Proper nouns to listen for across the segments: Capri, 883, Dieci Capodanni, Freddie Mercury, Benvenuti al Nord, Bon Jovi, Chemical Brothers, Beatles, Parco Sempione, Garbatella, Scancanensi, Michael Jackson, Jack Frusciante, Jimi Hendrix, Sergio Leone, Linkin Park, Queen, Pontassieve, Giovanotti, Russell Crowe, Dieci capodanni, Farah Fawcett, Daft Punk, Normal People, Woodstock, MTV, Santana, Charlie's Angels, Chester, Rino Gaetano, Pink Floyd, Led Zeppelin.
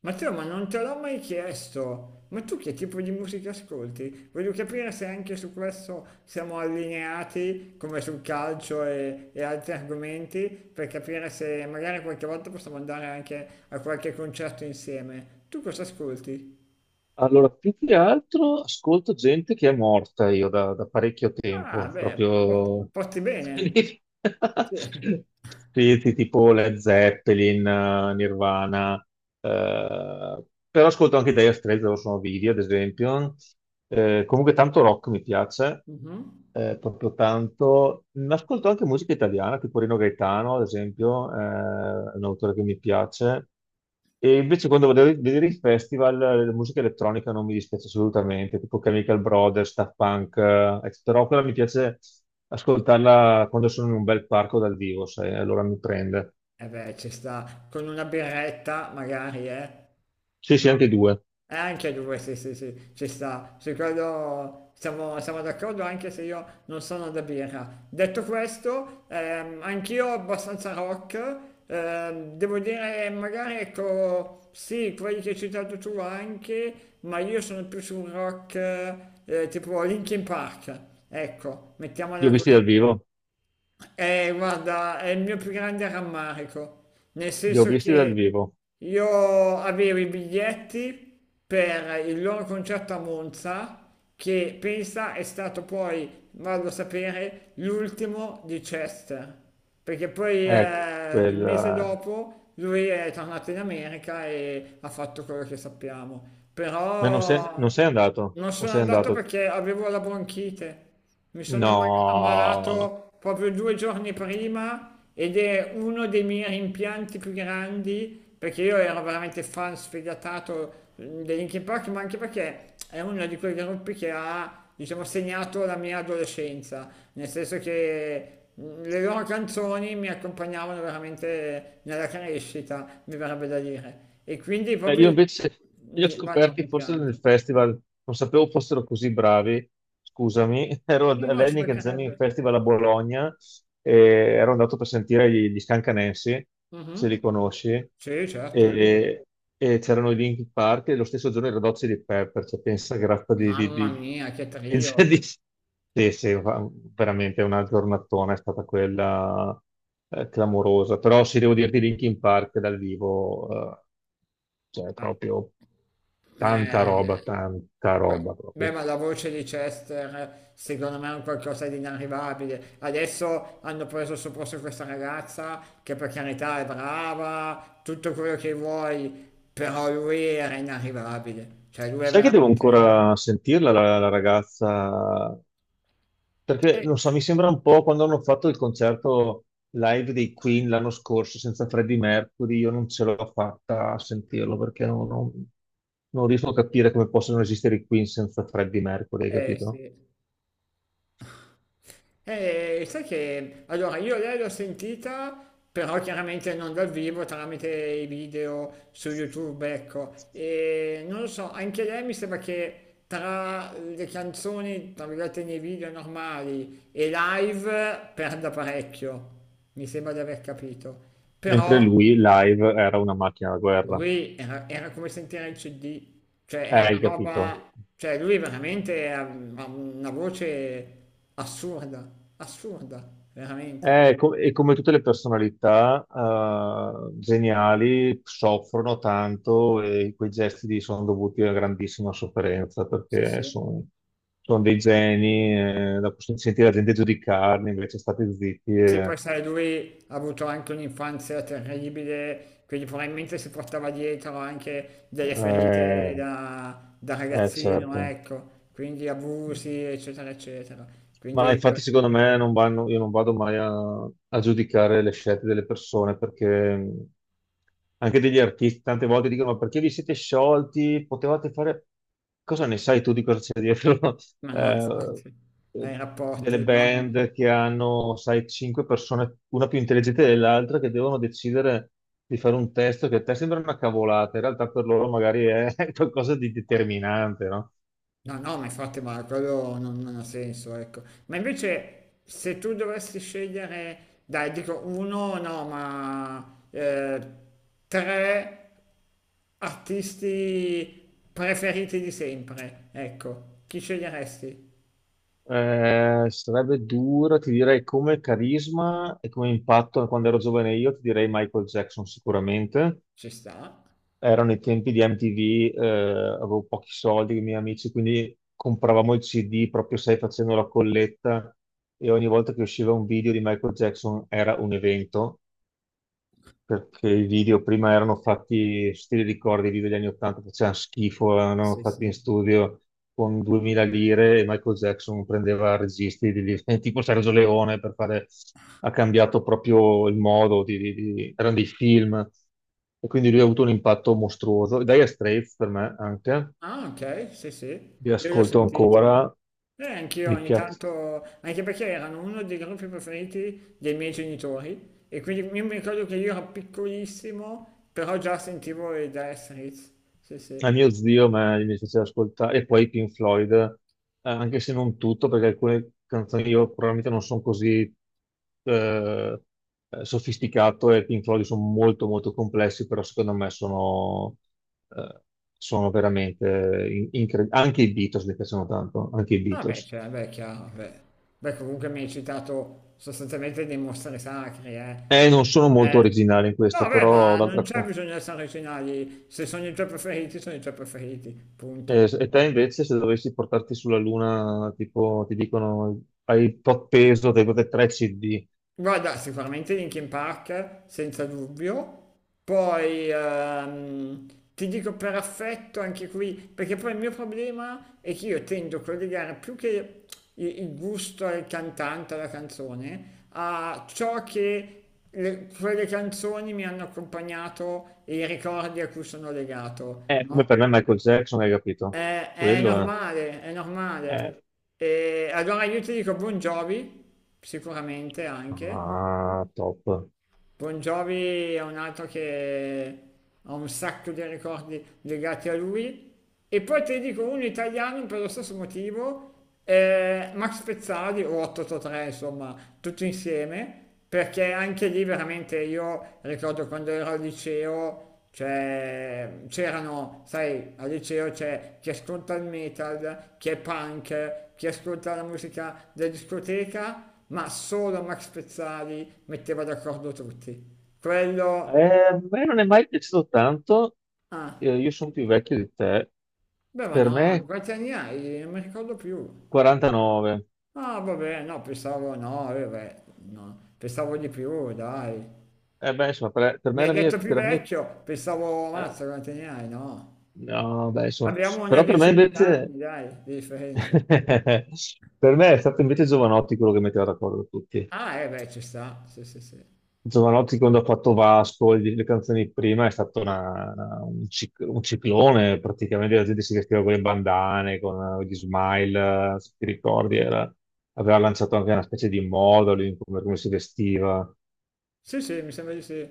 Matteo, ma non te l'ho mai chiesto, ma tu che tipo di musica ascolti? Voglio capire se anche su questo siamo allineati, come sul calcio e altri argomenti, per capire se magari qualche volta possiamo andare anche a qualche concerto insieme. Tu cosa ascolti? Allora, più che altro ascolto gente che è morta io da parecchio Ah, tempo, beh, porti proprio. porti bene. Sì. Sì, sì, tipo Led Zeppelin, Nirvana, eh, però ascolto anche Dire Straits, loro sono vivi, ad esempio. Comunque tanto rock mi piace, Mhm. Proprio tanto. Ma ascolto anche musica italiana, tipo Rino Gaetano, ad esempio, è un autore che mi piace. E invece quando vado a vedere i festival, la musica elettronica non mi dispiace assolutamente, tipo Chemical Brothers, Daft Punk, eccetera. Però quella mi piace ascoltarla quando sono in un bel parco dal vivo, sai, allora mi prende. Eh beh, ci sta. Con una birretta, magari, eh? Sì, sì, anche No. i due. Anche due, sì, sì, sì, ci sta. Su quello siamo d'accordo, anche se io non sono da birra. Detto questo, anch'io abbastanza rock. Devo dire, magari, ecco, sì, quelli che hai citato tu anche, ma io sono più su un rock tipo Linkin Park. Ecco, Li ho mettiamola visti così. dal vivo, Guarda, è il mio più grande rammarico, nel li ho senso visti dal che vivo. io avevo i biglietti per il loro concerto a Monza, che pensa è stato poi, vado a sapere, l'ultimo di Chester, perché poi Ecco, il mese dopo lui è tornato in America e ha fatto quello che sappiamo, ma non sei, però... non sei andato? Non O sono sei andato andato? perché avevo la bronchite. Mi sono No! ammalato proprio due giorni prima ed è uno dei miei rimpianti più grandi perché io ero veramente fan sfegatato dei Linkin Park, ma anche perché è uno di quei gruppi che ha, diciamo, segnato la mia adolescenza, nel senso che le loro canzoni mi accompagnavano veramente nella crescita, mi verrebbe da dire. E quindi Io proprio... invece li ho Vado un scoperti forse rimpianto. nel festival, non sapevo fossero così bravi, scusami. Ero No, no, ci all'Heineken Jamming mancherebbe. Festival a Bologna e ero andato per sentire gli Scancanensi, Mh-mh. se li conosci, Sì, certo, eh. e, e c'erano i Linkin Park e lo stesso giorno i Red Hot Chili Peppers, cioè, pensa che razza Mamma mia, che di- trio. di- Sì, sì, veramente una giornatona è stata quella, clamorosa, però sì, devo dirti Linkin Park dal vivo, eh, cioè, Ma proprio eh, tanta roba proprio. ma la voce di Chester secondo me è un qualcosa di inarrivabile. Adesso hanno preso sul posto questa ragazza che per carità è brava, tutto quello che vuoi, però lui era inarrivabile. Cioè lui è Sai che devo veramente... ancora sentirla la ragazza? Perché Eh, non so, mi sembra un po' quando hanno fatto il concerto live dei Queen l'anno scorso senza Freddie Mercury, io non ce l'ho fatta a sentirlo perché non riesco a capire come possono esistere i Queen senza Freddie Mercury, hai eh capito? sì. Sai che allora io lei l'ho sentita, però chiaramente non dal vivo, tramite i video su YouTube, ecco. E non lo so, anche lei mi sembra che tra le canzoni, tra virgolette, nei video normali e live perda parecchio, mi sembra di aver capito. Mm. Mentre Però lui live era una macchina da guerra. lui era come sentire il CD, cioè è una Hai capito? roba, cioè lui veramente ha una voce assurda, assurda, veramente. E come tutte le personalità, geniali, soffrono tanto e quei gesti lì sono dovuti a grandissima sofferenza Sì, perché sì. sono dei geni, la possono sentire la gente giudicarli, invece state zitti. Sì, poi sai, lui ha avuto anche un'infanzia terribile, quindi probabilmente si portava dietro anche delle ferite eh, da ragazzino, certo. ecco, quindi abusi, eccetera, eccetera. Ma Quindi, infatti secondo me non vanno, io non vado mai a giudicare le scelte delle persone, perché, mh, anche degli artisti, tante volte dicono ma perché vi siete sciolti? Potevate fare. Cosa ne sai tu di cosa c'è dietro? ma no, eh, infatti, ai Delle rapporti, no, no. band che hanno, sai, cinque persone, una più intelligente dell'altra, che devono decidere di fare un testo che a te sembra una cavolata, in realtà per loro magari è qualcosa di determinante, no? No, no, ma infatti, ma quello non ha senso, ecco. Ma invece, se tu dovessi scegliere, dai, dico uno, no, tre artisti preferiti di sempre, ecco, chi sceglieresti? Sarebbe dura, ti direi come carisma e come impatto quando ero giovane io, ti direi Michael Jackson sicuramente. Ci sta? Erano i tempi di MTV, avevo pochi soldi con i miei amici, quindi compravamo il CD proprio, sai, facendo la colletta, e ogni volta che usciva un video di Michael Jackson era un evento, perché i video prima erano fatti, se ti ricordi, i video degli anni 80 facevano schifo, erano Sì, fatti in sì. studio con 2000 lire, e Michael Jackson prendeva registi tipo Sergio Leone per fare, ha cambiato proprio il modo. Erano dei film, e quindi lui ha avuto un impatto mostruoso. E Dire Straits per me anche, Ah, ok, sì, sì. li Io li ho ascolto sentiti. ancora, Anch'io mi ogni piace. tanto, anche perché erano uno dei gruppi preferiti dei miei genitori e quindi io mi ricordo che io ero piccolissimo, però già sentivo i Dire Straits. Sì, A sì. mio zio mi piaceva ascoltare, e poi Pink Floyd, anche se non tutto, perché alcune canzoni io probabilmente non sono così eh, sofisticato, e Pink Floyd sono molto molto complessi, però secondo me eh, sono veramente incredibili. Anche i Beatles mi piacciono tanto, anche i Ah beh, Beatles. cioè, beh, è chiaro, beh. Beh, comunque mi hai citato sostanzialmente dei mostri sacri, eh. Non sono molto Eh, originale in no, questo, beh, però ma non d'altra c'è parte. bisogno di essere originali, se sono i tuoi preferiti, sono i tuoi preferiti, punto. E te invece, se dovessi portarti sulla Luna, tipo, ti dicono hai tot peso dei tre CD. Guarda, sicuramente Linkin Park, senza dubbio. Poi ti dico per affetto anche qui, perché poi il mio problema è che io tendo a collegare più che il gusto al cantante, alla canzone, a ciò che quelle canzoni mi hanno accompagnato e i ricordi a cui sono legato, È come no? per me Michael Jackson, hai capito? È Quello normale, è è. normale. E allora io ti dico Bon Jovi, sicuramente anche. Ah, top. Bon Jovi è un altro che ha un sacco di ricordi legati a lui. E poi ti dico un italiano per lo stesso motivo, Max Pezzali o 883, insomma, tutti insieme, perché anche lì veramente io ricordo quando ero al liceo, cioè, c'erano, sai, al liceo c'è chi ascolta il metal, chi è punk, chi ascolta la musica da discoteca ma solo Max Pezzali metteva d'accordo tutti. Quello... A me non è mai piaciuto tanto. Ah, Io sono più vecchio di te, beh, ma per no, me quanti anni hai? Non mi ricordo più. 49. Ah, vabbè, no, pensavo no, vabbè, no, pensavo di più, dai. Beh, insomma, per Mi me hai la mia... detto più per la mia- vecchio, pensavo, eh, mazza, quanti anni hai? No. no, beh, insomma, Abbiamo una però per me decina invece. d'anni, dai, di differenza. Per me è stato invece Giovanotti quello che metteva d'accordo tutti. Ah, eh beh, ci sta, sì, sì, sì. Giovanotti quando ha fatto Vasco, le canzoni prima, è stato un ciclone, praticamente la gente si vestiva con le bandane, con gli smile, se ti ricordi, aveva lanciato anche una specie di moda lui, in come si vestiva. Sì, sì, mi sembra di sì.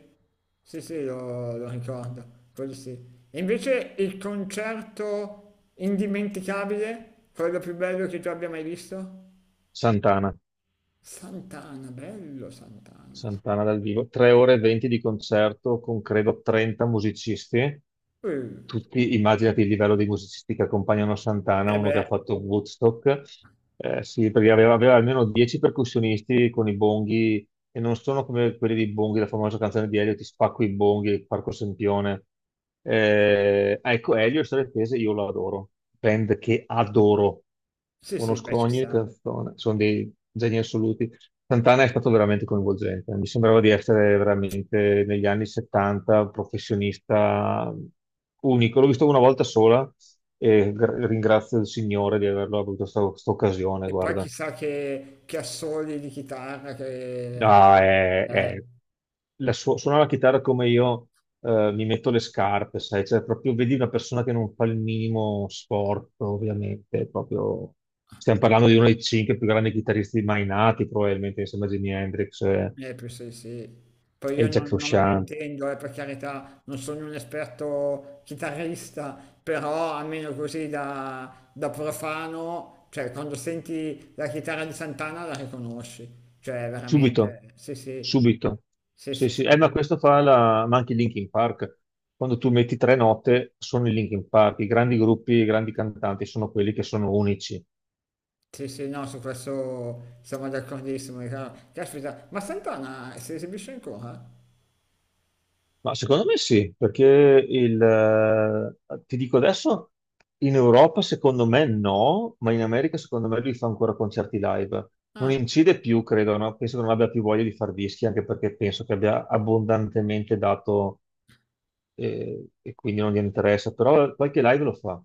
Sì, sì, lo ricordo, quello sì. E invece il concerto indimenticabile, quello più bello che tu abbia mai visto? Santana. Santana, bello Santana. Santana dal vivo, 3 ore e 20 di concerto con credo 30 musicisti. Uh, Tutti, immaginati il livello di musicisti che accompagnano Santana, eh uno che beh, ha fatto Woodstock. Sì, perché aveva almeno 10 percussionisti con i bonghi, e non sono come quelli di Bonghi, la famosa canzone di Elio, Ti spacco i bonghi, Parco Sempione. Ecco, Elio e Storie Tese io lo adoro, band che adoro, sì, sì, beh, conosco ci ogni sta. canzone, sono dei geni assoluti. Santana è stato veramente coinvolgente, mi sembrava di essere veramente negli anni 70, un professionista unico, l'ho visto una volta sola e ringrazio il Signore di averlo avuto questa occasione, E poi guarda. chissà che assoli di chitarra che... Ah, eh, suona la chitarra come io mi metto le scarpe, sai, cioè proprio vedi una persona che non fa il minimo sport, ovviamente, proprio. Stiamo parlando di uno dei cinque più grandi chitarristi mai nati, probabilmente, insieme a Jimi Hendrix e, eh, più sì, sì. Poi io e Jack non me ne Frusciante. intendo, per carità, non sono un esperto chitarrista, però almeno così da profano, cioè quando senti la chitarra di Santana la riconosci, cioè Subito, veramente, sì, sì, subito. sì, Sì, sì, sì. sì, Ma anche i Linkin Park. Quando tu metti tre note, sono i Linkin Park. I grandi gruppi, i grandi cantanti sono quelli che sono unici. sì, sì, no, su questo siamo d'accordissimo. È chiaro. Caspita, ma Santana si esibisce ancora? Ma secondo me sì, perché il, ti dico adesso, in Europa secondo me no, ma in America secondo me lui fa ancora concerti live. Non Ah. incide più, credo, no? Penso che non abbia più voglia di fare dischi, anche perché penso che abbia abbondantemente dato, e quindi non gli interessa, però qualche live lo fa.